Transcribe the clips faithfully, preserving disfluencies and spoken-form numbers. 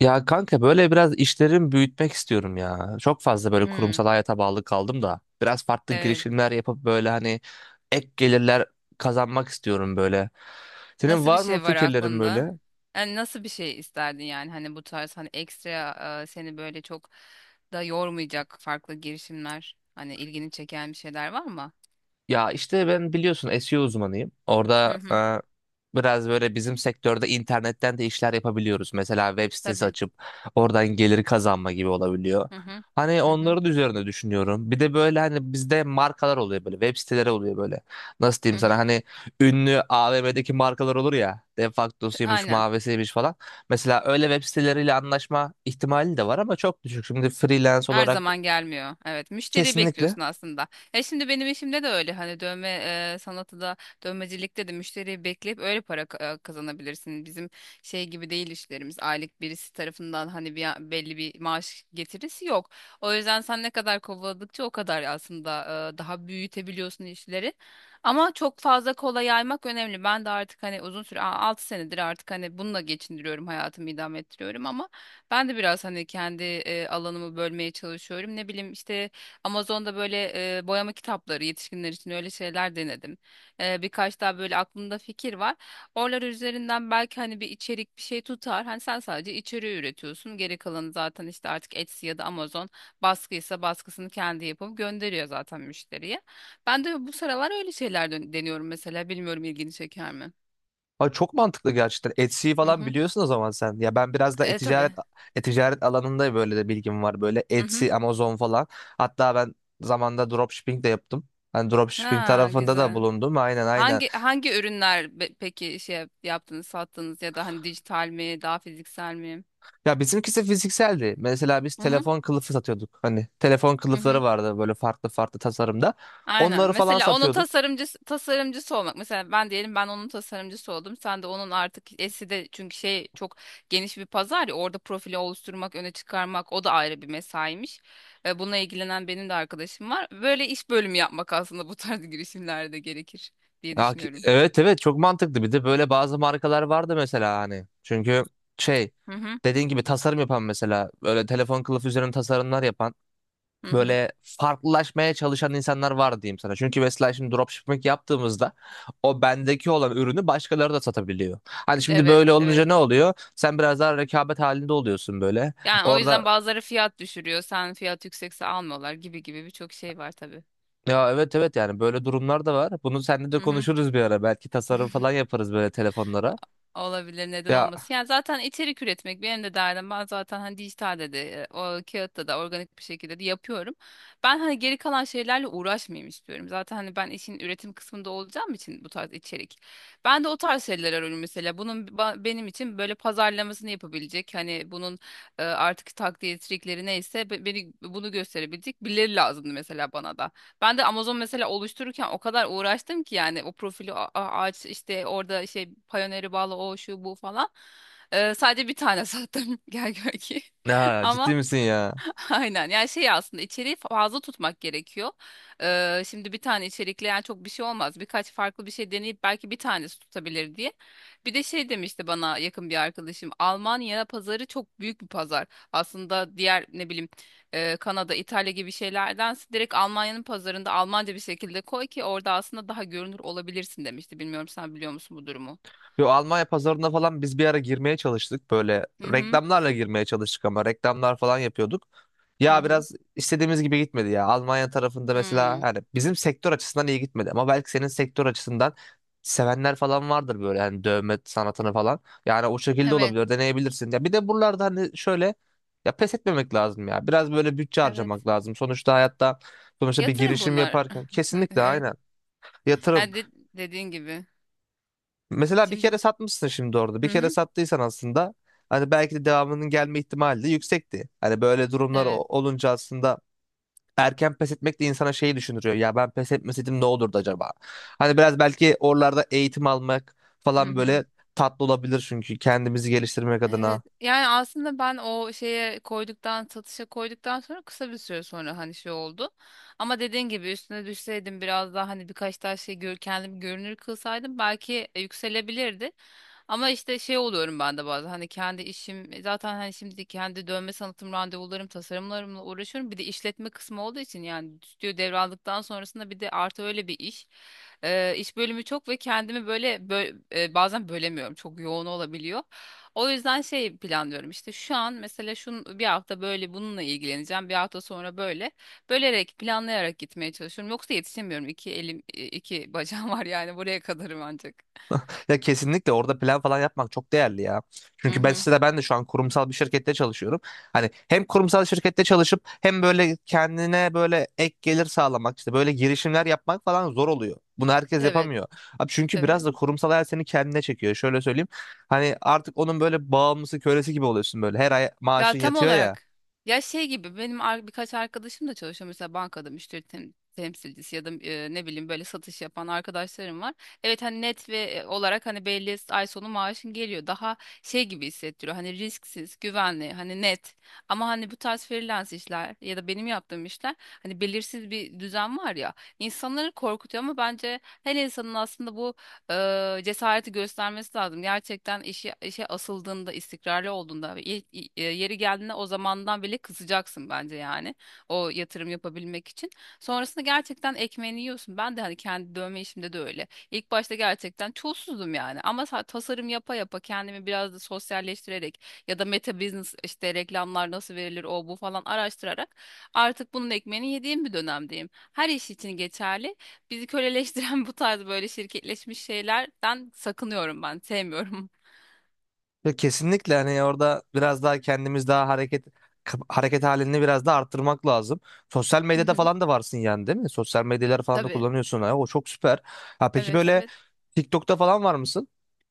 Ya kanka böyle biraz işlerimi büyütmek istiyorum ya. Çok fazla böyle Hmm, kurumsal hayata bağlı kaldım da. Biraz farklı evet. girişimler yapıp böyle hani ek gelirler kazanmak istiyorum böyle. Senin Nasıl bir var mı şey var fikirlerin aklında? böyle? Yani nasıl bir şey isterdin, yani hani bu tarz hani ekstra, e, seni böyle çok da yormayacak farklı girişimler hani ilgini çeken bir şeyler var mı? Ya işte ben biliyorsun S E O uzmanıyım. Hı Orada hı. e, biraz böyle bizim sektörde internetten de işler yapabiliyoruz. Mesela web sitesi Tabii. açıp oradan gelir kazanma gibi olabiliyor. Hı hı. Hani Hı hı. onların üzerine düşünüyorum. Bir de böyle hani bizde markalar oluyor böyle web siteleri oluyor böyle. Nasıl Hı diyeyim sana hı. hani ünlü A V M'deki markalar olur ya. De T- facto'suymuş, Aynen. mavesiymiş falan. Mesela öyle web siteleriyle anlaşma ihtimali de var ama çok düşük. Şimdi freelance Her olarak zaman gelmiyor. Evet, müşteriyi kesinlikle. bekliyorsun aslında. E, şimdi benim işimde de öyle. Hani dövme e, sanatı da, dövmecilikte de müşteriyi bekleyip öyle para ka- e, kazanabilirsin. Bizim şey gibi değil işlerimiz. Aylık birisi tarafından hani bir belli bir maaş getirisi yok. O yüzden sen ne kadar kovaladıkça o kadar aslında e, daha büyütebiliyorsun işleri. Ama çok fazla kola yaymak önemli. Ben de artık hani uzun süre altı senedir artık hani bununla geçindiriyorum, hayatımı idame ettiriyorum, ama ben de biraz hani kendi e, alanımı bölmeye çalışıyorum. Ne bileyim işte Amazon'da böyle e, boyama kitapları yetişkinler için, öyle şeyler denedim. E, birkaç daha böyle aklımda fikir var. Oralar üzerinden belki hani bir içerik bir şey tutar. Hani sen sadece içeriği üretiyorsun. Geri kalanı zaten işte artık Etsy ya da Amazon, baskıysa baskısını kendi yapıp gönderiyor zaten müşteriye. Ben de bu sıralar öyle şeyler dön- deniyorum mesela. Bilmiyorum ilgini çeker mi? Ay çok mantıklı gerçekten. Etsy'yi Hı falan hı. biliyorsun o zaman sen. Ya ben biraz da E e-ticaret tabii. e-ticaret alanında böyle de bilgim var. Böyle Hı hı. Etsy, Amazon falan. Hatta ben zamanda dropshipping de yaptım. Hani dropshipping Ha, tarafında da güzel. bulundum. Aynen aynen. Hangi hangi ürünler be- peki şey yap- yaptınız, sattınız, ya da hani dijital mi, daha fiziksel mi? Ya bizimkisi fizikseldi. Mesela biz Hı hı. telefon kılıfı satıyorduk. Hani telefon Hı kılıfları hı. vardı böyle farklı farklı tasarımda. Aynen. Onları falan Mesela onun satıyorduk. tasarımcısı tasarımcısı olmak. Mesela ben diyelim, ben onun tasarımcısı oldum. Sen de onun artık esi de, çünkü şey çok geniş bir pazar ya, orada profili oluşturmak, öne çıkarmak, o da ayrı bir mesaiymiş. Ve buna ilgilenen benim de arkadaşım var. Böyle iş bölümü yapmak aslında bu tarz girişimlerde gerekir diye Ya ki- düşünüyorum. Evet evet çok mantıklı. Bir de böyle bazı markalar vardı mesela hani. Çünkü şey Hı hı. dediğin gibi tasarım yapan mesela böyle telefon kılıfı üzerine tasarımlar yapan Hı hı. böyle farklılaşmaya çalışan insanlar var diyeyim sana. Çünkü mesela şimdi dropshipping yaptığımızda o bendeki olan ürünü başkaları da satabiliyor. Hani şimdi Evet, böyle olunca evet. ne oluyor? Sen biraz daha rekabet halinde oluyorsun böyle. Yani o Orada yüzden bazıları fiyat düşürüyor. Sen fiyat yüksekse almıyorlar, gibi gibi birçok şey var tabii. ya evet evet yani böyle durumlar da var. Bunu seninle de Hı hı. konuşuruz bir ara. Belki tasarım falan yaparız böyle telefonlara. Olabilir, neden Ya, olmasın. Yani zaten içerik üretmek benim de derdim. Ben zaten hani dijitalde de, e, o kağıtta da organik bir şekilde de yapıyorum. Ben hani geri kalan şeylerle uğraşmayayım istiyorum. Zaten hani ben işin üretim kısmında olacağım için bu tarz içerik. Ben de o tarz şeyler arıyorum mesela. Bunun ba- benim için böyle pazarlamasını yapabilecek. Hani bunun e, artık takdir trikleri neyse, be- beni bunu gösterebilecek birileri lazımdı mesela bana da. Ben de Amazon mesela oluştururken o kadar uğraştım ki, yani o profili a- a- aç işte, orada şey Payoneer'e bağlı, o şu bu falan. Ee, sadece bir tane sattım gel gör ki. ya ciddi Ama misin ya? aynen, yani şey aslında içeriği fazla tutmak gerekiyor. Ee, şimdi bir tane içerikle yani çok bir şey olmaz. Birkaç farklı bir şey deneyip belki bir tanesi tutabilir diye. Bir de şey demişti bana yakın bir arkadaşım. Almanya pazarı çok büyük bir pazar. Aslında diğer ne bileyim, e, Kanada, İtalya gibi şeylerdense direkt Almanya'nın pazarında Almanca bir şekilde koy ki orada aslında daha görünür olabilirsin demişti. Bilmiyorum, sen biliyor musun bu durumu? Yo, Almanya pazarına falan biz bir ara girmeye çalıştık. Böyle Hı hı. reklamlarla girmeye çalıştık ama reklamlar falan yapıyorduk. Hı Ya hı. biraz istediğimiz gibi gitmedi ya. Almanya tarafında mesela Hmm. hani bizim sektör açısından iyi gitmedi ama belki senin sektör açısından sevenler falan vardır böyle hani dövme sanatını falan. Yani o şekilde Evet. olabilir, deneyebilirsin. Ya bir de buralarda hani şöyle ya pes etmemek lazım ya. Biraz böyle bütçe harcamak Evet. lazım. Sonuçta hayatta sonuçta bir Yatırım girişim bunlar. yaparken kesinlikle Evet. aynen yatırım. Ha, de- dediğin gibi. Mesela bir kere Şimdi satmışsın şimdi orada. Bir hı kere hı, sattıysan aslında hani belki de devamının gelme ihtimali de yüksekti. Hani böyle durumlar o- evet. olunca aslında erken pes etmek de insana şeyi düşündürüyor. Ya ben pes etmeseydim ne olurdu acaba? Hani biraz belki oralarda eğitim almak Hı falan hı. böyle tatlı olabilir çünkü kendimizi geliştirmek adına. Evet, yani aslında ben o şeye koyduktan, satışa koyduktan sonra kısa bir süre sonra hani şey oldu. Ama dediğin gibi üstüne düşseydim biraz daha, hani birkaç tane şey gör, kendim görünür kılsaydım belki yükselebilirdi. Ama işte şey oluyorum ben de bazen, hani kendi işim e, zaten hani şimdi kendi dövme sanatım, randevularım, tasarımlarımla uğraşıyorum. Bir de işletme kısmı olduğu için yani, stüdyo devraldıktan sonrasında bir de artı öyle bir iş. Ee, iş bölümü çok ve kendimi böyle bö- e, bazen bölemiyorum, çok yoğun olabiliyor. O yüzden şey planlıyorum işte, şu an mesela şun bir hafta böyle bununla ilgileneceğim, bir hafta sonra böyle, bölerek planlayarak gitmeye çalışıyorum, yoksa yetişemiyorum, iki elim e, iki bacağım var, yani buraya kadarım ancak. Ya kesinlikle orada plan falan yapmak çok değerli ya. Hı Çünkü ben hı. size de ben de şu an kurumsal bir şirkette çalışıyorum. Hani hem kurumsal şirkette çalışıp hem böyle kendine böyle ek gelir sağlamak işte böyle girişimler yapmak falan zor oluyor. Bunu herkes Evet, yapamıyor. Abi çünkü biraz evet. da kurumsal hayat seni kendine çekiyor. Şöyle söyleyeyim. Hani artık onun böyle bağımlısı, kölesi gibi oluyorsun böyle. Her ay Ya maaşın tam yatıyor ya. olarak, ya şey gibi benim ar- birkaç arkadaşım da çalışıyor mesela, bankada müşteri tem- temsilcisi ya da e, ne bileyim böyle satış yapan arkadaşlarım var. Evet, hani net ve e, olarak hani belli, ay sonu maaşın geliyor. Daha şey gibi hissettiriyor. Hani risksiz, güvenli, hani net. Ama hani bu tarz freelance işler ya da benim yaptığım işler, hani belirsiz bir düzen var ya. İnsanları korkutuyor ama bence her insanın aslında bu e, cesareti göstermesi lazım. Gerçekten işi, işe asıldığında, istikrarlı olduğunda, ve ye- e, yeri geldiğinde, o zamandan bile kısacaksın bence yani. O yatırım yapabilmek için. Sonrasında gerçekten ekmeğini yiyorsun. Ben de hani kendi dövme işimde de öyle. İlk başta gerçekten çulsuzdum yani. Ama sa- tasarım yapa yapa kendimi biraz da sosyalleştirerek, ya da meta business işte reklamlar nasıl verilir o bu falan araştırarak, artık bunun ekmeğini yediğim bir dönemdeyim. Her iş için geçerli. Bizi köleleştiren bu tarz böyle şirketleşmiş şeylerden sakınıyorum ben. Sevmiyorum. Yok kesinlikle hani orada biraz daha kendimiz daha hareket kap- hareket halini biraz daha arttırmak lazım. Sosyal Hı medyada hı. falan da varsın yani değil mi? Sosyal medyaları falan da Tabii. kullanıyorsun. Ha, o çok süper. Ha peki Evet, böyle evet. TikTok'ta falan var mısın?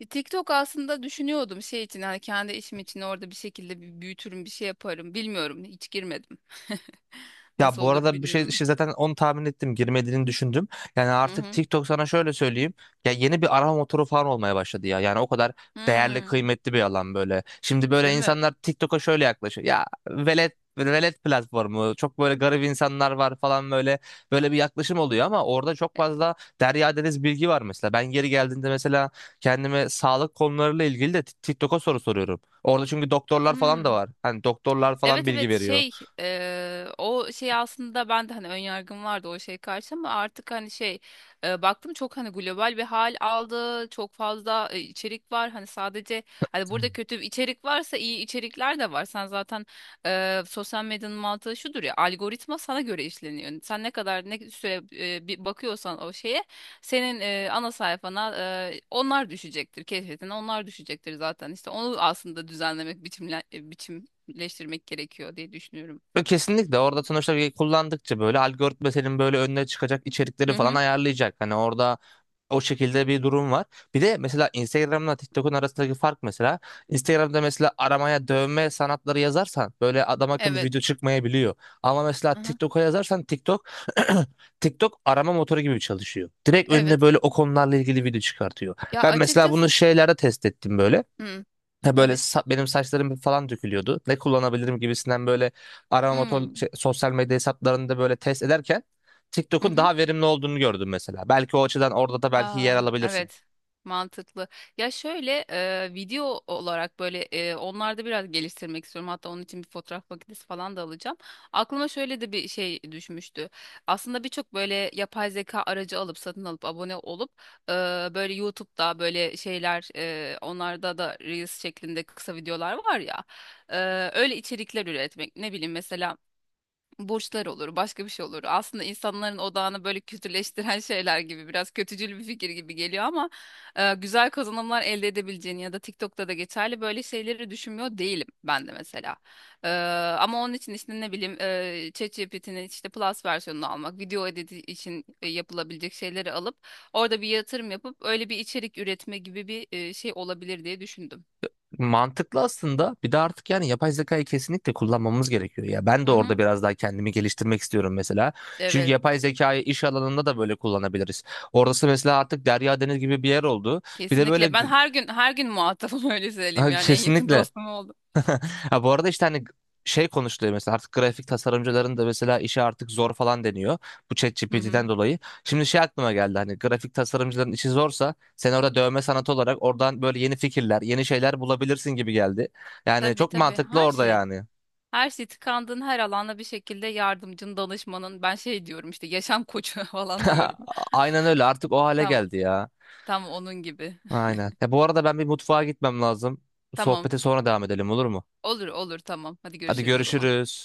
E, TikTok aslında düşünüyordum şey için, hani kendi işim için orada bir şekilde bir büyütürüm bir şey yaparım. Bilmiyorum, hiç girmedim. Ya Nasıl bu olur arada bir şey bilmiyorum. şey zaten onu tahmin ettim girmediğini düşündüm. Yani Hı artık hı. TikTok sana şöyle söyleyeyim. Ya yeni bir arama motoru falan olmaya başladı ya. Yani o kadar değerli Hmm. kıymetli bir alan böyle. Şimdi böyle Değil mi? insanlar TikTok'a şöyle yaklaşıyor. Ya velet velet platformu çok böyle garip insanlar var falan böyle böyle bir yaklaşım oluyor ama orada çok fazla derya deniz bilgi var mesela. Ben geri geldiğinde mesela kendime sağlık konularıyla ilgili de TikTok'a soru soruyorum. Orada çünkü doktorlar falan da Hmm. var. Hani doktorlar falan Evet, bilgi evet veriyor. şey, eee, o şey aslında ben de hani önyargım vardı o şey karşı, ama artık hani şey, eee, baktım çok hani global bir hal aldı, çok fazla e, içerik var hani. Sadece hani burada kötü bir içerik varsa iyi içerikler de var. Sen zaten eee, sosyal medyanın mantığı şudur ya, algoritma sana göre işleniyor. Sen ne kadar ne süre e, bir bakıyorsan o şeye, senin e, ana sayfana e, onlar düşecektir, keşfetine onlar düşecektir, zaten işte onu aslında düzenlemek, biçimle, biçim birleştirmek gerekiyor diye düşünüyorum. Ve kesinlikle orada sonuçta bir kullandıkça böyle algoritma senin böyle önüne çıkacak Hı içerikleri falan hı. ayarlayacak. Hani orada o şekilde bir durum var. Bir de mesela Instagram'la TikTok'un arasındaki fark mesela Instagram'da mesela aramaya dövme sanatları yazarsan böyle adam akıllı Evet. video çıkmayabiliyor. Ama mesela Hı hı. TikTok'a yazarsan TikTok TikTok arama motoru gibi çalışıyor. Direkt önüne Evet. böyle o konularla ilgili video çıkartıyor. Ya, Ben mesela bunu açıkçası şeylerde test ettim böyle. hı. Ha böyle Evet. sa- benim saçlarım falan dökülüyordu. Ne kullanabilirim gibisinden böyle arama Hı. motor şey, sosyal medya hesaplarında böyle test ederken Hı TikTok'un hı. daha verimli olduğunu gördüm mesela. Belki o açıdan orada da belki yer Aa, alabilirsin. evet, mantıklı. Ya şöyle e, video olarak böyle e, onlarda biraz geliştirmek istiyorum. Hatta onun için bir fotoğraf makinesi falan da alacağım. Aklıma şöyle de bir şey düşmüştü. Aslında birçok böyle yapay zeka aracı alıp, satın alıp abone olup e, böyle YouTube'da böyle şeyler e, onlarda da Reels şeklinde kısa videolar var ya. E, öyle içerikler üretmek. Ne bileyim mesela borçlar olur, başka bir şey olur. Aslında insanların odağını böyle kötüleştiren şeyler gibi, biraz kötücül bir fikir gibi geliyor, ama e, güzel kazanımlar elde edebileceğini ya da TikTok'ta da geçerli böyle şeyleri düşünmüyor değilim ben de mesela. E, ama onun için işte ne bileyim, e, ChatGPT'nin işte Plus versiyonunu almak, video editi için e, yapılabilecek şeyleri alıp orada bir yatırım yapıp öyle bir içerik üretme gibi bir e, şey olabilir diye düşündüm. Mantıklı aslında. Bir de artık yani yapay zekayı kesinlikle kullanmamız gerekiyor ya. Ben Hı de orada hı, biraz daha kendimi geliştirmek istiyorum mesela. Çünkü evet. yapay zekayı iş alanında da böyle kullanabiliriz. Orası mesela artık derya deniz gibi bir yer oldu. Bir de böyle Kesinlikle g- ben her gün her gün muhatabım, öyle söyleyeyim, g- yani en yakın kesinlikle. dostum oldu. Ha, bu arada işte hani şey konuşuluyor mesela artık grafik tasarımcıların da mesela işi artık zor falan deniyor. Bu Hı hı. ChatGPT'den dolayı. Şimdi şey aklıma geldi hani grafik tasarımcıların işi zorsa sen orada dövme sanatı olarak oradan böyle yeni fikirler, yeni şeyler bulabilirsin gibi geldi. Yani Tabii çok tabii, mantıklı her orada şey. yani. Her şey tıkandığın her alanda bir şekilde yardımcın, danışmanın. Ben şey diyorum işte, yaşam koçu falan diyorum. Aynen öyle artık o hale Tam geldi ya. tam onun gibi. Aynen. Ya bu arada ben bir mutfağa gitmem lazım. Tamam. Sohbete sonra devam edelim olur mu? Olur olur tamam. Hadi Hadi görüşürüz o zaman. görüşürüz.